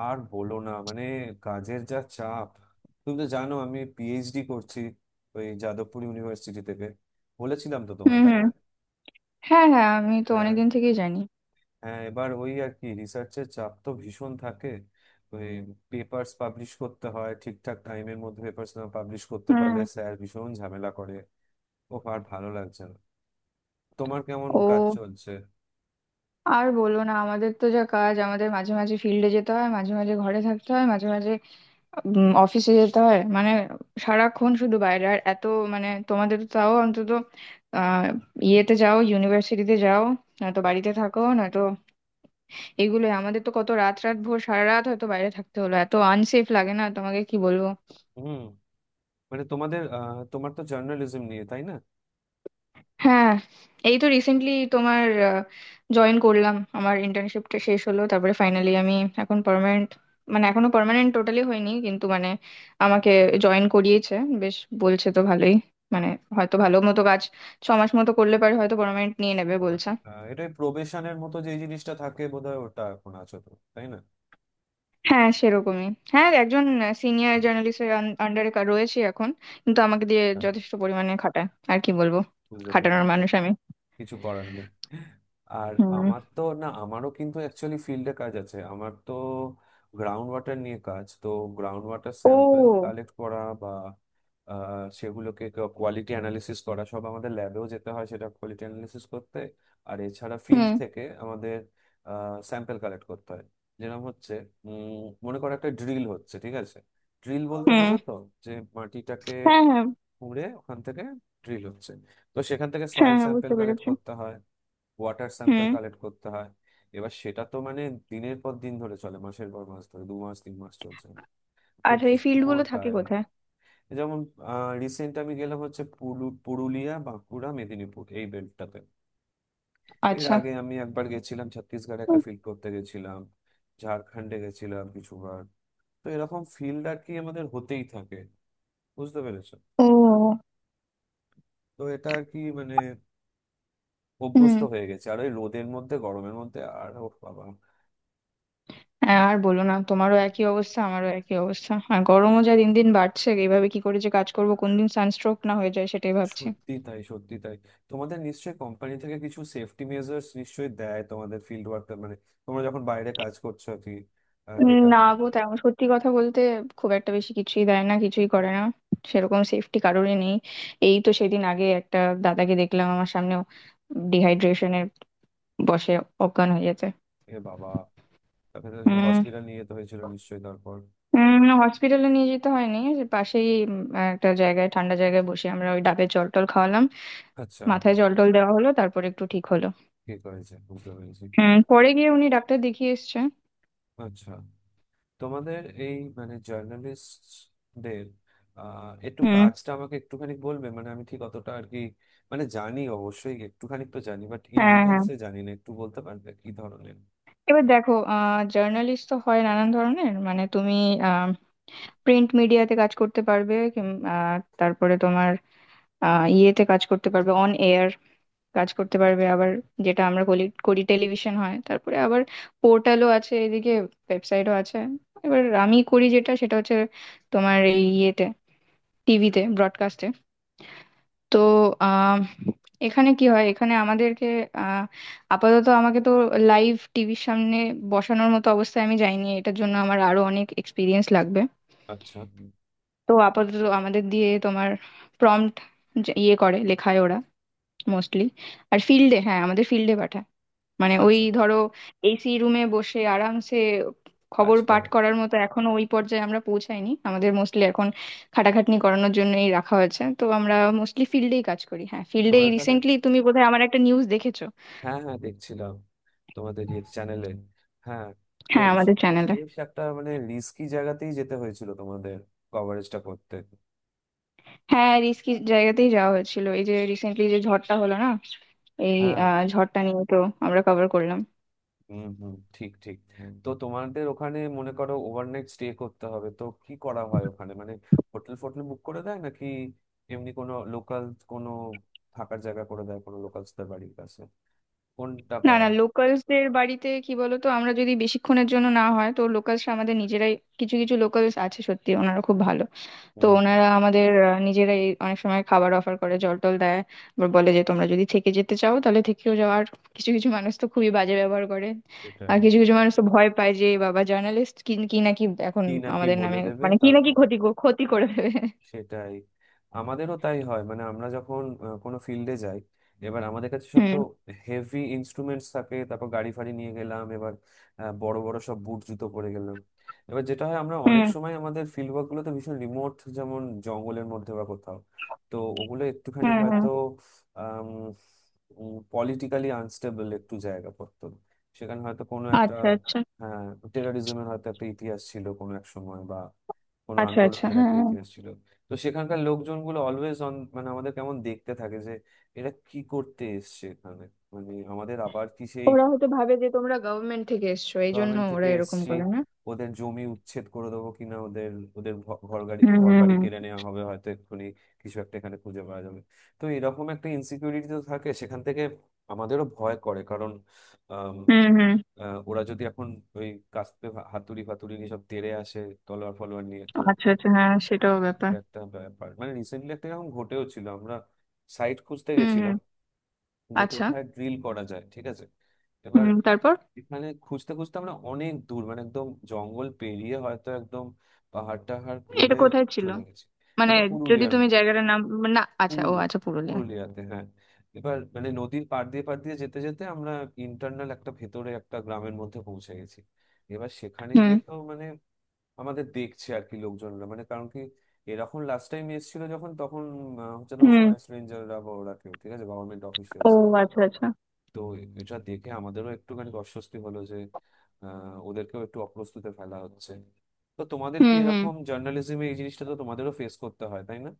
আর বলো না। মানে, কাজের যা চাপ! তুমি তো জানো আমি পিএইচডি করছি ওই যাদবপুর ইউনিভার্সিটি থেকে। বলেছিলাম তো হুম, তোমায়, তাই না? হুম। হ্যাঁ, হ্যাঁ, আমি তো হ্যাঁ, অনেকদিন থেকেই জানি। হ্যাঁ, এবার ওই আর কি রিসার্চের চাপ তো ভীষণ থাকে। ওই পেপার্স পাবলিশ করতে হয়, ঠিকঠাক টাইমের মধ্যে পেপার্স না পাবলিশ করতে হুম। পারলে স্যার ভীষণ ঝামেলা করে। ও আর ভালো লাগছে না। তোমার কেমন কাজ ও, চলছে? আর বলো না, আমাদের তো যা কাজ, আমাদের মাঝে মাঝে ফিল্ডে যেতে হয়, মাঝে মাঝে ঘরে থাকতে হয়, মাঝে মাঝে অফিসে যেতে হয়, মানে সারাক্ষণ শুধু বাইরে আর এত, মানে তোমাদের তো তাও অন্তত আহ ইয়েতে যাও, ইউনিভার্সিটিতে যাও, নয়তো বাড়িতে থাকো, নয়তো এগুলোই। আমাদের তো কত রাত রাত ভোর, সারা রাত হয়তো বাইরে থাকতে হলো, এত আনসেফ লাগে না তোমাকে কি বলবো। হুম। মানে তোমাদের, তোমার তো জার্নালিজম নিয়ে, তাই না? হ্যাঁ, এই তো রিসেন্টলি তোমার জয়েন করলাম, আমার ইন্টার্নশিপটা শেষ হলো, তারপরে ফাইনালি আমি এখন পার্মানেন্ট, মানে এখনো পার্মানেন্ট টোটালি হয়নি, কিন্তু মানে আমাকে জয়েন করিয়েছে। বেশ, বলছে তো ভালোই, মানে হয়তো ভালো মতো কাজ 6 মাস মতো করলে পারে হয়তো পার্মানেন্ট নিয়ে নেবে বলছে। ব্যাপারটা। এটাই প্রবেশনের মতো যে জিনিসটা থাকে বোধহয়, ওটা এখন আছো তো, তাই না? হ্যাঁ, সেরকমই। হ্যাঁ, একজন সিনিয়র আচ্ছা, জার্নালিস্টের আন্ডারে রয়েছে এখন, কিন্তু আমাকে দিয়ে যথেষ্ট পরিমাণে খাটায়, আর কি বলবো, বুঝতে পেরেছি। খাটানোর মানুষ আমি। কিছু করার নেই। আর হুম। আমার তো না, আমারও কিন্তু অ্যাকচুয়ালি ফিল্ডে কাজ আছে। আমার তো গ্রাউন্ড ওয়াটার নিয়ে কাজ তো। গ্রাউন্ড ওয়াটার স্যাম্পল ও। কালেক্ট করা, বা সেগুলোকে কোয়ালিটি অ্যানালিসিস করা, সব আমাদের ল্যাবেও যেতে হয় সেটা কোয়ালিটি অ্যানালিসিস করতে। আর এছাড়া ফিল্ড হুম, থেকে আমাদের স্যাম্পল কালেক্ট করতে হয়, যেরকম হচ্ছে, মনে করো একটা ড্রিল হচ্ছে, ঠিক আছে? ড্রিল বলতে বোঝো হুম। তো, যে মাটিটাকে হ্যাঁ, হ্যাঁ। খুঁড়ে ওখান থেকে ড্রিল হচ্ছে। তো সেখান থেকে সয়েল হ্যাঁ, হ্যাঁ, স্যাম্পল বুঝতে কালেক্ট পেরেছি। করতে হয়, ওয়াটার স্যাম্পল হুম। কালেক্ট করতে হয়। এবার সেটা তো মানে দিনের পর দিন ধরে চলে, মাসের পর মাস ধরে, 2 মাস 3 মাস চলছে। তো আর এই ফিল্ড ভীষণ গুলো থাকে টায়ারিং। কোথায়? যেমন রিসেন্ট আমি গেলাম হচ্ছে পুরুলিয়া, বাঁকুড়া, মেদিনীপুর এই বেল্টটাতে। এর আচ্ছা। আগে আমি একবার গেছিলাম ছত্তিশগড়ে, একটা ফিল্ড করতে গেছিলাম। ঝাড়খণ্ডে গেছিলাম কিছুবার। তো এরকম ফিল্ড আর কি আমাদের হতেই থাকে। বুঝতে পেরেছো? ও। তো এটা আর কি, মানে হুম। অভ্যস্ত হয়ে গেছে। আর ওই রোদের মধ্যে, গরমের মধ্যে, আর ও বাবা। হ্যাঁ, আর বলো না, তোমারও একই অবস্থা, আমারও একই অবস্থা, আর গরমও যা দিন দিন বাড়ছে, এইভাবে কি করে যে কাজ করবো, কোন দিন সানস্ট্রোক না হয়ে যায় সেটাই ভাবছি। সত্যি তাই, সত্যি তাই। তোমাদের নিশ্চয়ই কোম্পানি থেকে কিছু সেফটি মেজার্স নিশ্চয়ই দেয় তোমাদের, ফিল্ড ওয়ার্কার মানে, তোমরা যখন বাইরে কাজ করছো আর কি। ডেটা। না গো, তেমন সত্যি কথা বলতে খুব একটা বেশি কিছুই দেয় না, কিছুই করে না। সেরকম সেফটি কারোরই নেই। এই তো সেদিন আগে একটা দাদাকে দেখলাম আমার সামনে ডিহাইড্রেশনের বশে অজ্ঞান হয়ে যেতে। এ বাবা, তাকে তো সে হুম। হসপিটাল নিয়ে যেতে হয়েছিল নিশ্চয়ই তারপর? হসপিটালে নিয়ে যেতে হয়নি, যে পাশেই একটা জায়গায় ঠান্ডা জায়গায় বসে আমরা ওই ডাবের জল টল খাওয়ালাম, আচ্ছা। মাথায় জল টল দেওয়া হলো, তারপর একটু ঠিক হলো। ঠিক হয়েছে, বুঝতে পেরেছি। হুম, পরে গিয়ে উনি ডাক্তার দেখিয়ে এসছে। আচ্ছা, তোমাদের এই মানে জার্নালিস্টদের একটু হুম। কাজটা আমাকে একটুখানি বলবে? মানে আমি ঠিক অতটা আর কি, মানে জানি অবশ্যই, একটুখানি তো জানি, বাট ইন হ্যাঁ, হ্যাঁ, ডিটেলসে জানি না। একটু বলতে পারবে কি ধরনের? এবার দেখো, জার্নালিস্ট তো হয় নানান ধরনের, মানে তুমি আহ প্রিন্ট মিডিয়াতে কাজ করতে পারবে, তারপরে তোমার ইয়েতে কাজ করতে পারবে, অন এয়ার কাজ করতে পারবে, আবার যেটা আমরা করি করি টেলিভিশন হয়, তারপরে আবার পোর্টালও আছে এদিকে, ওয়েবসাইটও আছে। এবার আমি করি যেটা, সেটা হচ্ছে তোমার এই ইয়েতে, টিভিতে, ব্রডকাস্টে। তো আহ এখানে কি হয়, এখানে আমাদেরকে আহ আপাতত আমাকে তো লাইভ টিভির সামনে বসানোর মতো অবস্থায় আমি যাইনি, এটার জন্য আমার আরো অনেক এক্সপিরিয়েন্স লাগবে। আচ্ছা তো আপাতত আমাদের দিয়ে তোমার প্রম্পট ইয়ে করে লেখায় ওরা মোস্টলি। আর ফিল্ডে, হ্যাঁ, আমাদের ফিল্ডে পাঠায়, মানে ওই আচ্ছা, ধরো এসি রুমে বসে আরামসে কাজ খবর পাঠ করো। করার মতো এখনো ওই পর্যায়ে আমরা পৌঁছাইনি, আমাদের মোস্টলি এখন খাটাখাটনি করানোর জন্যই রাখা হয়েছে। তো আমরা মোস্টলি ফিল্ডেই কাজ করি। হ্যাঁ, ফিল্ডে তোমাদের তাহলে, রিসেন্টলি তুমি বোধহয় আমার একটা নিউজ দেখেছো। হ্যাঁ হ্যাঁ দেখছিলাম, তোমাদের ইয়ে চ্যানেলে, হ্যাঁ। তো হ্যাঁ, আমাদের সেটা তো চ্যানেলে। বেশ একটা মানে রিস্কি জায়গাতেই যেতে হয়েছিল তোমাদের কভারেজটা করতে। হ্যাঁ, রিস্কি জায়গাতেই যাওয়া হয়েছিল, এই যে রিসেন্টলি যে ঝড়টা হলো না, এই হ্যাঁ। ঝড়টা নিয়ে তো আমরা কভার করলাম। হুম হুম, ঠিক ঠিক। তো তোমাদের ওখানে মনে করো ওভারনাইট স্টে করতে হবে, তো কি করা হয় ওখানে, মানে হোটেল ফোটেল বুক করে দেয় নাকি, এমনি কোনো লোকাল, কোনো থাকার জায়গা করে দেয় কোনো লোকালসদের বাড়ির কাছে, কোনটা না, করা না, হয়? লোকালসদের বাড়িতে কি বলতো, আমরা যদি বেশিক্ষণের জন্য না হয় তো লোকালসরা আমাদের নিজেরাই, কিছু কিছু লোকালস আছে সত্যি, ওনারা খুব ভালো। তো হুম। ওনারা আমাদের নিজেরাই অনেক সময় খাবার অফার করে, জল টল দেয়। আবার বলে যে তোমরা যদি থেকে যেতে চাও তাহলে থেকেও যাও। আর কিছু কিছু মানুষ তো খুবই বাজে ব্যবহার করে। সেটাই, আর কিছু কিছু মানুষ তো ভয় পায়, যে "এ বাবা, জার্নালিস্ট কি কি নাকি এখন কি নাকি আমাদের বলে নামে", দেবে মানে কি নাকি তারপর। ক্ষতি করে দেবে। সেটাই, আমাদেরও তাই হয়। মানে আমরা যখন কোনো ফিল্ডে যাই, এবার আমাদের কাছে সব তো হুম, হেভি ইনস্ট্রুমেন্টস থাকে, তারপর গাড়ি ফাড়ি নিয়ে গেলাম, এবার বড় বড় সব বুট জুতো পরে গেলাম। এবার যেটা হয়, আমরা অনেক হুম। সময় আমাদের ফিল্ড ওয়ার্ক গুলো তো ভীষণ রিমোট, যেমন জঙ্গলের মধ্যে বা কোথাও। তো ওগুলো একটুখানি হুম, হুম। হয়তো পলিটিক্যালি আনস্টেবল একটু জায়গা পড়তো। সেখানে হয়তো কোনো একটা, আচ্ছা, আচ্ছা। হ্যাঁ, টেরারিজমের হয়তো একটা ইতিহাস ছিল কোনো এক সময়, বা কোনো আচ্ছা, আচ্ছা, আন্দোলনের হ্যাঁ, একটা হ্যাঁ। ইতিহাস ছিল। তো সেখানকার লোকজনগুলো অলওয়েজ অন, মানে আমাদের কেমন দেখতে থাকে, যে এরা কি করতে এসছে এখানে, মানে আমাদের আবার কি সেই ওরা হয়তো ভাবে যে তোমরা গভর্নমেন্ট থেকে এসছো, এই জন্য গভর্নমেন্ট ওরা থেকে এরকম এসছি, করে না। ওদের জমি উচ্ছেদ করে দেবো কিনা, ওদের, ওদের ঘর গাড়ি, হুম, ঘর হুম। বাড়ি হুম, কেড়ে নেওয়া হবে হয়তো এক্ষুনি, কিছু একটা এখানে খুঁজে পাওয়া যাবে। তো এরকম একটা ইনসিকিউরিটি তো থাকে সেখান থেকে। আমাদেরও ভয় করে, কারণ আম, হুম। হুম। ওরা যদি এখন ওই কাস্তে হাতুড়ি ফাতুড়ি নিয়ে সব তেড়ে আসে, তলোয়ার ফলোয়ার নিয়ে তো। আচ্ছা, আচ্ছা, হ্যাঁ, সেটাও ব্যাপার। এটা একটা ব্যাপার। মানে রিসেন্টলি একটা এরকম ঘটেও ছিল, আমরা সাইট খুঁজতে হুম, গেছিলাম, হুম। যে আচ্ছা। কোথায় ড্রিল করা যায়, ঠিক আছে? এবার হুম, তারপর? এখানে খুঁজতে খুঁজতে আমরা অনেক দূর, মানে একদম জঙ্গল পেরিয়ে হয়তো, একদম পাহাড় টাহাড় এটা ঘুরে কোথায় ছিল, চলে গেছি। মানে এটা যদি পুরুলিয়ার, তুমি জায়গাটার নাম। না, আচ্ছা। ও, পুরুলিয়া আচ্ছা, পুরুলিয়া। পুরুলিয়াতে, হ্যাঁ। এবার মানে নদীর পাড় দিয়ে পাড় দিয়ে যেতে যেতে আমরা ইন্টারনাল একটা, ভেতরে একটা গ্রামের মধ্যে পৌঁছে গেছি। এবার সেখানে গিয়ে হুম, তো মানে আমাদের দেখছে আর কি লোকজনরা, মানে কারণ কি এরকম লাস্ট টাইম এসেছিল যখন তখন, হচ্ছে তোমার হুম। ফরেস্ট রেঞ্জাররা বা ওরা কেউ, ঠিক আছে, গভর্নমেন্ট ও, অফিসিয়ালস। আচ্ছা, আচ্ছা। তো এটা দেখে আমাদেরও একটুখানি অস্বস্তি হলো, যে আহ, ওদেরকেও একটু অপ্রস্তুতে ফেলা হচ্ছে। তো তোমাদের কি হুম, হুম, এরকম জার্নালিজমে এই জিনিসটা তো তোমাদেরও ফেস করতে হয়, তাই না?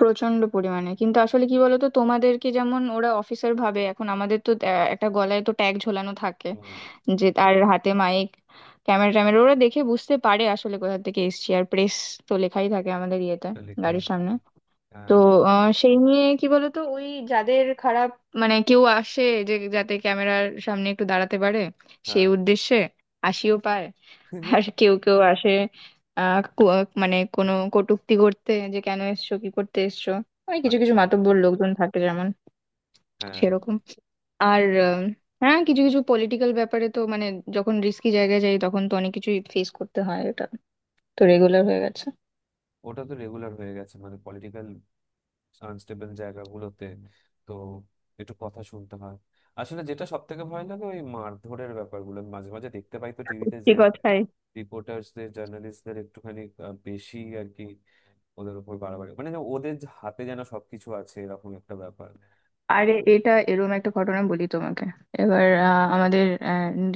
প্রচন্ড পরিমাণে, কিন্তু আসলে কি বলতো, তোমাদেরকে যেমন ওরা অফিসার ভাবে, এখন আমাদের তো একটা গলায় তো ট্যাগ ঝোলানো থাকে, হুম। যে তার হাতে মাইক, ক্যামেরা ট্যামেরা, ওরা দেখে বুঝতে পারে আসলে কোথা থেকে এসছি। আর প্রেস তো লেখাই থাকে আমাদের ইয়েতে, এটা লেখাই গাড়ির সামনে। হচ্ছে। তো হ্যাঁ সেই নিয়ে কি বলতো, ওই যাদের খারাপ মানে, কেউ আসে যে যাতে ক্যামেরার সামনে একটু দাঁড়াতে পারে হ্যাঁ। সেই উদ্দেশ্যে, হাসিও পায়। আর কেউ কেউ আসে আহ কু- মানে কোনো কটূক্তি করতে, যে কেন এসছো, কি করতে এসছো। ওই কিছু কিছু আচ্ছা। মাতব্বর লোকজন থাকে যেমন, হ্যাঁ। সেরকম। আর হ্যাঁ, কিছু কিছু পলিটিক্যাল ব্যাপারে তো, মানে যখন রিস্কি জায়গায় যাই তখন তো অনেক কিছুই ফেস করতে হয়, এটা তো রেগুলার হয়ে গেছে। ওটা তো রেগুলার হয়ে গেছে, মানে পলিটিক্যাল আনস্টেবল জায়গাগুলোতে তো একটু কথা শুনতে হয়। আসলে যেটা সব থেকে ভয় লাগে ওই মারধরের ব্যাপারগুলো, আমি মাঝে মাঝে দেখতে পাই তো টিভিতে, সত্যি যে কথাই। রিপোর্টার্সদের, জার্নালিস্টদের একটুখানি বেশি আর কি, ওদের উপর বাড়াবাড়ি, মানে যেন ওদের যে হাতে যেন সবকিছু আছে, এরকম একটা ব্যাপার। আরে, এটা এরকম একটা ঘটনা বলি তোমাকে। এবার আমাদের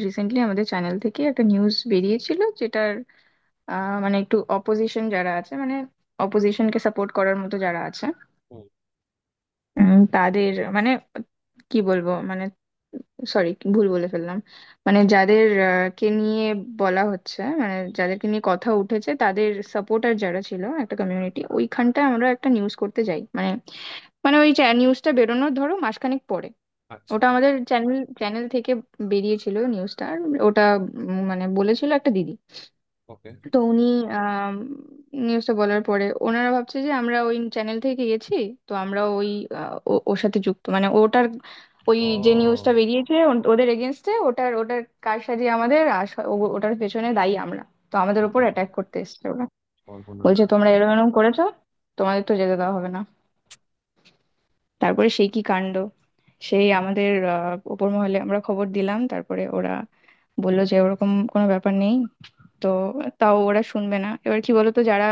রিসেন্টলি আমাদের চ্যানেল থেকে একটা নিউজ বেরিয়েছিল যেটার মানে একটু অপোজিশন যারা আছে, মানে অপোজিশনকে সাপোর্ট করার মতো যারা আছে হুম। তাদের, মানে কি বলবো, মানে সরি, ভুল বলে ফেললাম। মানে যাদের কে নিয়ে বলা হচ্ছে, মানে যাদেরকে নিয়ে কথা উঠেছে তাদের সাপোর্টার যারা ছিল একটা কমিউনিটি, ওইখানটায় আমরা একটা নিউজ করতে যাই, মানে মানে ওই নিউজটা বেরোনোর ধরো মাসখানেক পরে আচ্ছা। ওটা আমাদের চ্যানেল চ্যানেল থেকে বেরিয়েছিল নিউজটা। আর ওটা মানে বলেছিল একটা দিদি। ওকে। তো উনি নিউজটা বলার পরে ওনারা ভাবছে যে আমরা ওই চ্যানেল থেকে গেছি, তো আমরা ওই ওর সাথে যুক্ত, মানে ওটার ওই যে নিউজটা ও। বেরিয়েছে ওদের এগেনস্টে, ওটার ওটার কারসাজি আমাদের, আর ওটার পেছনে দায়ী আমরা। তো আমাদের এ উপর বাবা, অ্যাটাক করতে এসেছে ওরা, সর্বনাশ। বলছে তোমরা এরকম এরকম করেছো, তোমাদের তো যেতে দেওয়া হবে না। তারপরে সেই কি কাণ্ড, সেই আমাদের ওপর মহলে আমরা খবর দিলাম, তারপরে ওরা বললো যে ওরকম কোনো ব্যাপার নেই। তো তাও ওরা শুনবে না। এবার কি বলতো, যারা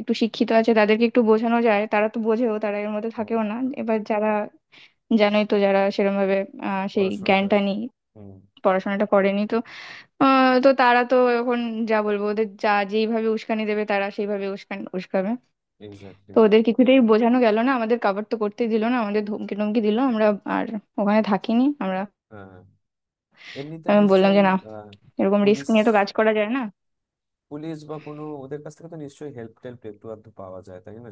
একটু শিক্ষিত আছে তাদেরকে একটু বোঝানো যায়, তারা তো বোঝেও, তারা এর মধ্যে হুম। থাকেও না। এবার যারা, জানোই তো, যারা সেরকম ভাবে সেই পড়াশোনাটা। জ্ঞানটা নেই, হুম। পড়াশোনাটা করেনি তো তো তারা তো এখন যা বলবো ওদের, যা যেইভাবে উস্কানি দেবে তারা সেইভাবে উস্কাবে। এক্স্যাক্টলি। তো ওদের কিছুতেই বোঝানো গেল না, আমাদের কাভার তো করতেই দিল না, আমাদের ধমকি টমকি দিল। আমরা আর ওখানে থাকিনি আমরা। হ্যাঁ, এমনিতে আমি বললাম যে নিশ্চয়ই না, আহ, এরকম রিস্ক পুলিশ, নিয়ে তো কাজ করা যায় না। পুলিশ বা কোনো ওদের কাছ থেকে তো নিশ্চয়ই হেল্প টেল্প একটু আধটু পাওয়া যায়, তাই না?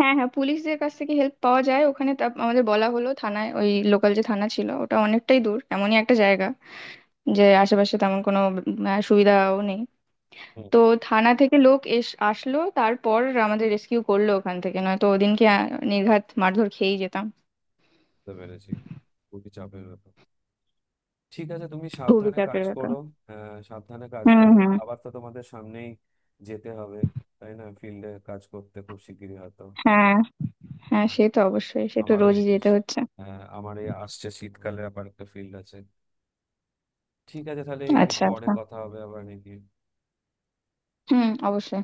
হ্যাঁ, হ্যাঁ, পুলিশদের কাছ থেকে হেল্প পাওয়া যায় ওখানে, তা আমাদের বলা হলো, থানায় ওই লোকাল যে থানা ছিল ওটা অনেকটাই দূর, এমনই একটা জায়গা যে আশেপাশে তেমন কোনো সুবিধাও নেই। হুম। তো থানা থেকে লোক আসলো, তারপর আমাদের রেস্কিউ করলো ওখান থেকে, নয়তো ওদিনকে নির্ঘাত মারধর খেয়েই যেতাম। বুঝতে পেরেছি, খুবই চাপের ব্যাপার। ঠিক আছে, তুমি খুবই সাবধানে কাজ চাপের ব্যাপার। করো। হ্যাঁ সাবধানে কাজ হুম, করো, হুম। আবার তো তোমাদের সামনেই যেতে হবে, তাই না, ফিল্ডে কাজ করতে খুব শিগগিরই হয়তো? হ্যাঁ, হ্যাঁ, আ- সে তো অবশ্যই, সে তো আমারও এই, রোজই যেতে হচ্ছে। হ্যাঁ, আমার এই আসছে শীতকালে আবার একটা ফিল্ড আছে। ঠিক আছে তাহলে এই আচ্ছা, পরে আচ্ছা। কথা হবে আবার নাকি? হুম, অবশ্যই।